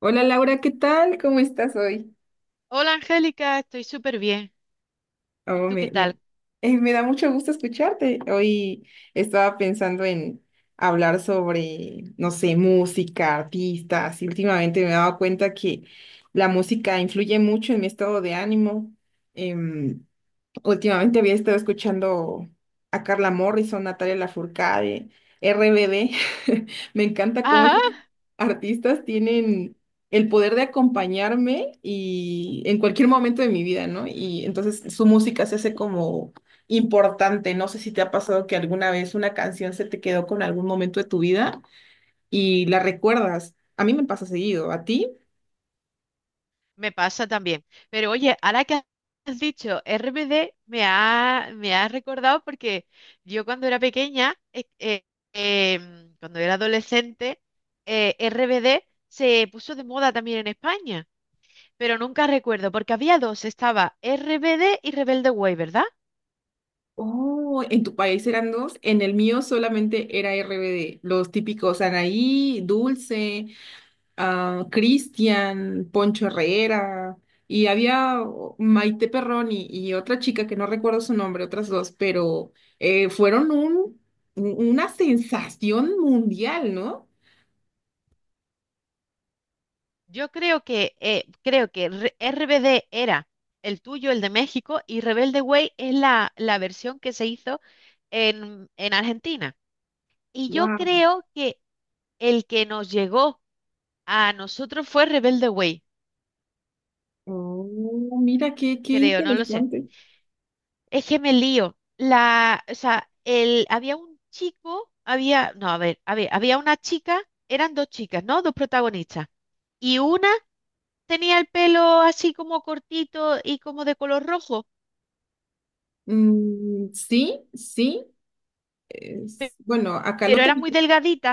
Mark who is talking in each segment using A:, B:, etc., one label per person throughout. A: Hola Laura, ¿qué tal? ¿Cómo estás hoy?
B: Hola Angélica, estoy súper bien. ¿Y
A: Oh,
B: tú qué
A: me,
B: tal?
A: me- Me da mucho gusto escucharte. Hoy estaba pensando en hablar sobre, no sé, música, artistas, y últimamente me he dado cuenta que la música influye mucho en mi estado de ánimo. Em, Últimamente había estado escuchando a Carla Morrison, Natalia Lafourcade, RBD. Me encanta cómo
B: Ah,
A: esos artistas tienen el poder de acompañarme y en cualquier momento de mi vida, ¿no? Y entonces su música se hace como importante. No sé si te ha pasado que alguna vez una canción se te quedó con algún momento de tu vida y la recuerdas. A mí me pasa seguido, ¿a ti?
B: me pasa también. Pero oye, ahora que has dicho RBD, me ha recordado porque yo cuando era pequeña, cuando era adolescente, RBD se puso de moda también en España. Pero nunca recuerdo, porque había dos, estaba RBD y Rebelde Way, ¿verdad?
A: Oh, en tu país eran dos, en el mío solamente era RBD, los típicos Anaí, Dulce, ah, Cristian, Poncho Herrera, y había oh, Maite Perroni y otra chica que no recuerdo su nombre, otras dos, pero fueron una sensación mundial, ¿no?
B: Yo creo que RBD era el tuyo, el de México, y Rebelde Way es la versión que se hizo en Argentina. Y yo
A: Wow.
B: creo que el que nos llegó a nosotros fue Rebelde Way,
A: Oh, mira, qué
B: creo, no lo sé.
A: interesante.
B: Es que me lío. La, o sea, el, había un chico, había, no, a ver, había una chica, eran dos chicas, ¿no? Dos protagonistas. Y una tenía el pelo así como cortito y como de color rojo.
A: Mm, sí, sí. Bueno, acá
B: Pero
A: lo
B: era muy
A: tenemos.
B: delgadita.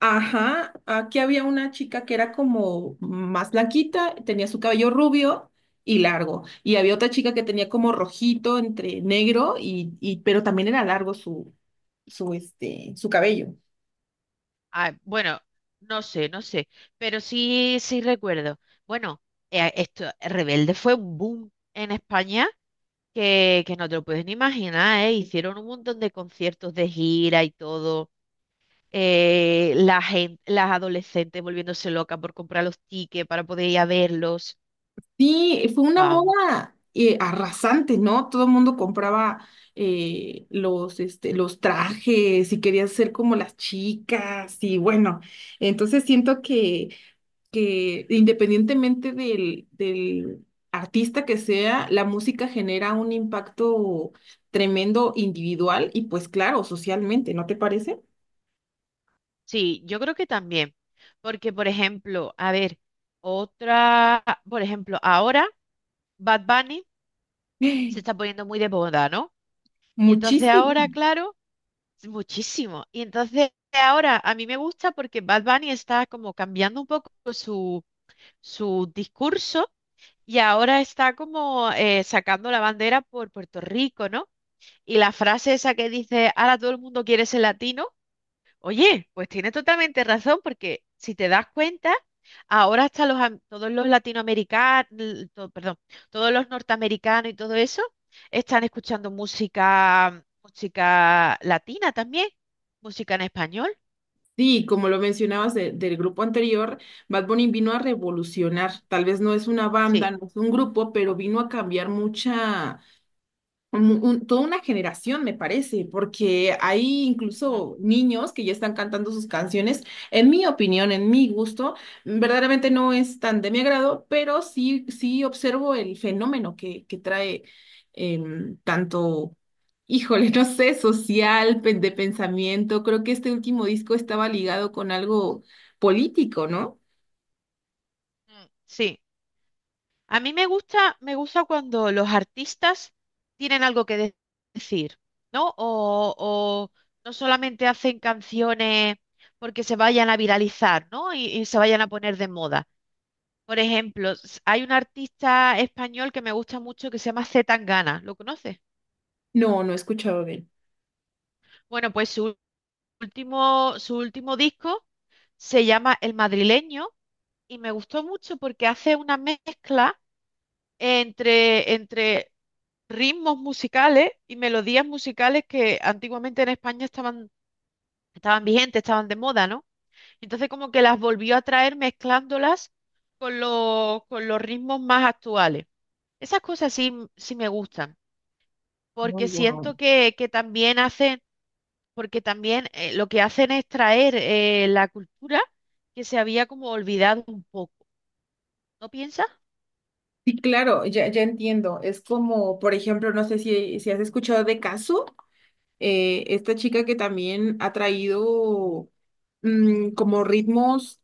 A: Ajá, aquí había una chica que era como más blanquita, tenía su cabello rubio y largo, y había otra chica que tenía como rojito entre negro y pero también era largo este, su cabello.
B: Ah, bueno, no sé, no sé. Pero sí, sí recuerdo. Bueno, Rebelde fue un boom en España que no te lo puedes ni imaginar, ¿eh? Hicieron un montón de conciertos de gira y todo. La gente, las adolescentes volviéndose locas por comprar los tickets para poder ir a verlos.
A: Sí, fue una
B: Vamos.
A: moda arrasante, ¿no? Todo el mundo compraba este, los trajes y quería ser como las chicas y bueno, entonces siento que independientemente del artista que sea, la música genera un impacto tremendo individual y pues claro, socialmente, ¿no te parece?
B: Sí, yo creo que también. Porque, por ejemplo, a ver, otra, por ejemplo, ahora Bad Bunny se está poniendo muy de moda, ¿no? Y entonces
A: Muchísimo.
B: ahora, claro, muchísimo. Y entonces ahora a mí me gusta porque Bad Bunny está como cambiando un poco su discurso y ahora está como sacando la bandera por Puerto Rico, ¿no? Y la frase esa que dice, ahora todo el mundo quiere ser latino. Oye, pues tienes totalmente razón, porque si te das cuenta, ahora hasta todos los latinoamericanos, perdón, todos los norteamericanos y todo eso están escuchando música, música latina también, música en español.
A: Sí, como lo mencionabas del grupo anterior, Bad Bunny vino a revolucionar. Tal vez no es una banda,
B: Sí,
A: no es un grupo, pero vino a cambiar mucha toda una generación, me parece, porque hay
B: ujú,
A: incluso niños que ya están cantando sus canciones. En mi opinión, en mi gusto, verdaderamente no es tan de mi agrado, pero sí, sí observo el fenómeno que trae em, tanto, híjole, no sé, social, de pensamiento. Creo que este último disco estaba ligado con algo político, ¿no?
B: mm, sí. A mí me gusta cuando los artistas tienen algo decir, ¿no? O no solamente hacen canciones porque se vayan a viralizar, ¿no? Y se vayan a poner de moda. Por ejemplo, hay un artista español que me gusta mucho que se llama C. Tangana, ¿lo conoces?
A: No, no he escuchado bien.
B: Bueno, pues su último disco se llama El Madrileño y me gustó mucho porque hace una mezcla entre ritmos musicales y melodías musicales que antiguamente en España estaban vigentes, estaban de moda, ¿no? Entonces como que las volvió a traer mezclándolas con con los ritmos más actuales. Esas cosas sí, sí me gustan,
A: Oh,
B: porque
A: wow.
B: siento que también hacen, porque también lo que hacen es traer la cultura que se había como olvidado un poco. ¿No piensas?
A: Sí, claro, ya, ya entiendo. Es como, por ejemplo, no sé si has escuchado de Casu, esta chica que también ha traído como ritmos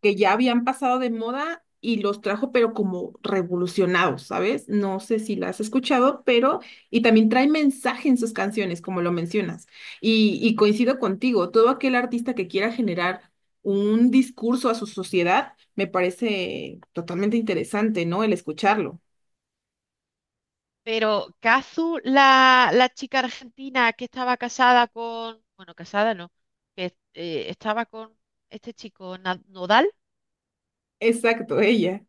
A: que ya habían pasado de moda y los trajo, pero como revolucionados, ¿sabes? No sé si las has escuchado, pero, y también trae mensaje en sus canciones, como lo mencionas. Y coincido contigo, todo aquel artista que quiera generar un discurso a su sociedad, me parece totalmente interesante, ¿no? El escucharlo.
B: Pero Kazu, la chica argentina que estaba casada con, bueno, casada no, que estaba con este chico Nodal.
A: Exacto, ella.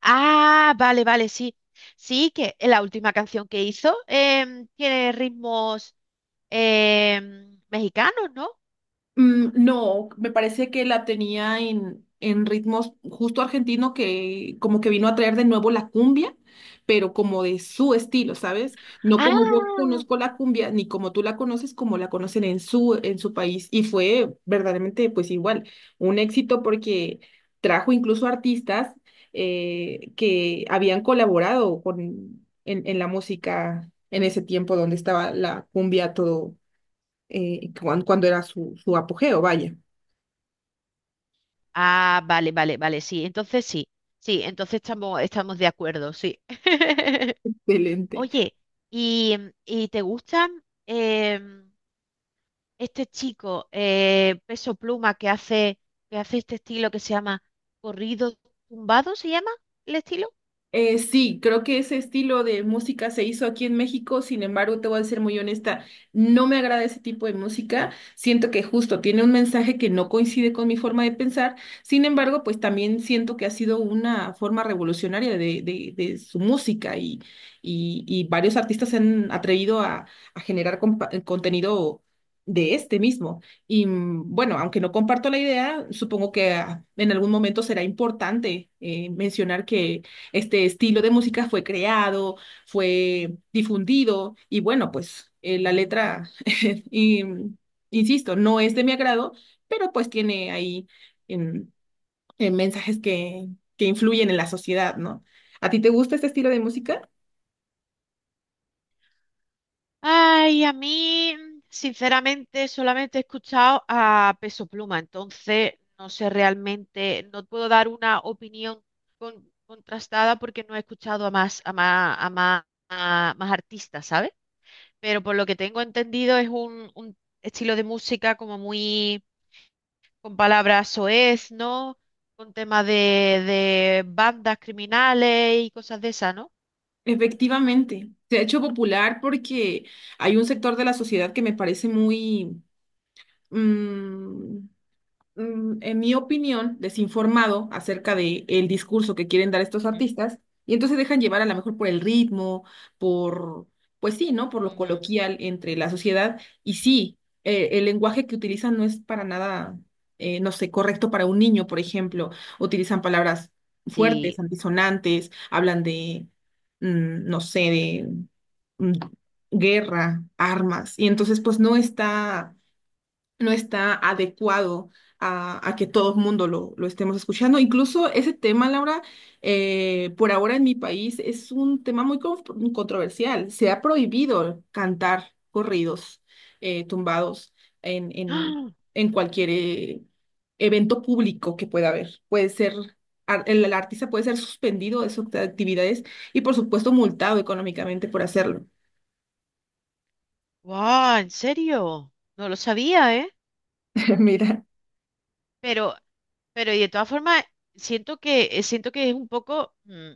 B: Ah, vale, vale, sí. Sí, que la última canción que hizo tiene ritmos mexicanos, ¿no?
A: Mm, no, me parece que la tenía en ritmos justo argentino que como que vino a traer de nuevo la cumbia, pero como de su estilo, ¿sabes? No
B: Ah,
A: como yo conozco la cumbia, ni como tú la conoces, como la conocen en su país. Y fue verdaderamente, pues igual, un éxito porque trajo incluso artistas que habían colaborado en la música en ese tiempo donde estaba la cumbia a todo cuando, era su apogeo, vaya,
B: ah, vale, vale, vale, sí. Entonces sí, sí, entonces estamos, estamos de acuerdo, sí.
A: excelente.
B: Oye, ¿y, y te gustan? Este chico, Peso Pluma, que hace este estilo que se llama corrido tumbado, ¿se llama el estilo?
A: Sí, creo que ese estilo de música se hizo aquí en México, sin embargo, te voy a ser muy honesta, no me agrada ese tipo de música, siento que justo tiene un mensaje que no
B: ¿Mm?
A: coincide con mi forma de pensar, sin embargo, pues también siento que ha sido una forma revolucionaria de su música y varios artistas se
B: Ujú.
A: han atrevido a generar contenido de este mismo. Y bueno, aunque no comparto la idea, supongo que ah, en algún momento será importante mencionar que este estilo de música fue creado, fue difundido y bueno, pues la letra, y, insisto, no es de mi agrado, pero pues tiene ahí em, mensajes que influyen en la sociedad, ¿no? ¿A ti te gusta este estilo de música?
B: Ay, a mí, sinceramente, solamente he escuchado a Peso Pluma, entonces no sé realmente, no puedo dar una opinión contrastada porque no he escuchado a más artistas, ¿sabes? Pero por lo que tengo entendido es un estilo de música como muy con palabras soez, ¿no? Con temas de bandas criminales y cosas de esas, ¿no?
A: Efectivamente, se ha hecho popular porque hay un sector de la sociedad que me parece muy... mm, en mi opinión, desinformado acerca de el discurso que quieren dar estos
B: Ujú,
A: artistas, y entonces dejan llevar a lo mejor por el ritmo, por, pues sí, ¿no? Por lo
B: ujú,
A: coloquial entre la sociedad, y sí, el lenguaje que utilizan no es para nada, no sé, correcto para un niño, por
B: ujú.
A: ejemplo, utilizan palabras fuertes,
B: Sí.
A: antisonantes, hablan de, no sé, de mm, guerra, armas, y entonces pues no está adecuado a que todo el mundo lo estemos escuchando. Incluso ese tema, Laura, por ahora en mi país es un tema muy controversial. Se ha prohibido cantar corridos tumbados en, en,
B: ¡Ah!
A: en cualquier evento público que pueda haber. Puede ser... el artista puede ser suspendido de sus actividades y, por supuesto, multado económicamente por hacerlo.
B: ¡Guau! ¿En serio? No lo sabía, ¿eh?
A: Mira,
B: Pero, pero y de todas formas, siento que es un poco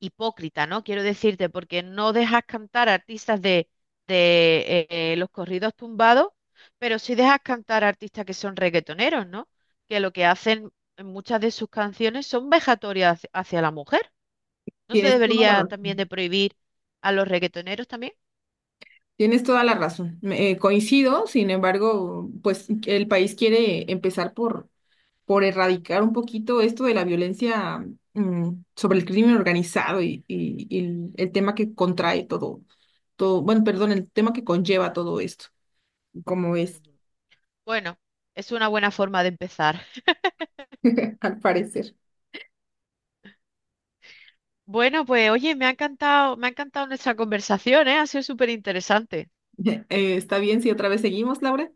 B: hipócrita, ¿no? Quiero decirte, porque no dejas cantar a artistas de, de eh, los corridos tumbados, pero sí dejas cantar a artistas que son reggaetoneros, ¿no? Que lo que hacen en muchas de sus canciones son vejatorias hacia hacia la mujer. ¿No se
A: tienes toda la
B: debería
A: razón.
B: también de prohibir a los reggaetoneros también?
A: Tienes toda la razón. Coincido, sin embargo, pues el país quiere empezar por erradicar un poquito esto de la violencia mm, sobre el crimen organizado y el tema que contrae todo, todo, bueno, perdón, el tema que conlleva todo esto, como es,
B: Ujú. Bueno, es una buena forma de empezar.
A: al parecer.
B: Bueno, pues oye, me ha encantado nuestra conversación, ¿eh? Ha sido súper interesante.
A: ¿Está bien si otra vez seguimos, Laura?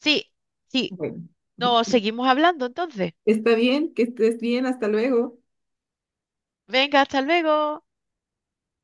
B: Sí, sí.
A: Bueno,
B: No, seguimos hablando entonces.
A: está bien, que estés bien, hasta luego.
B: Venga, hasta luego.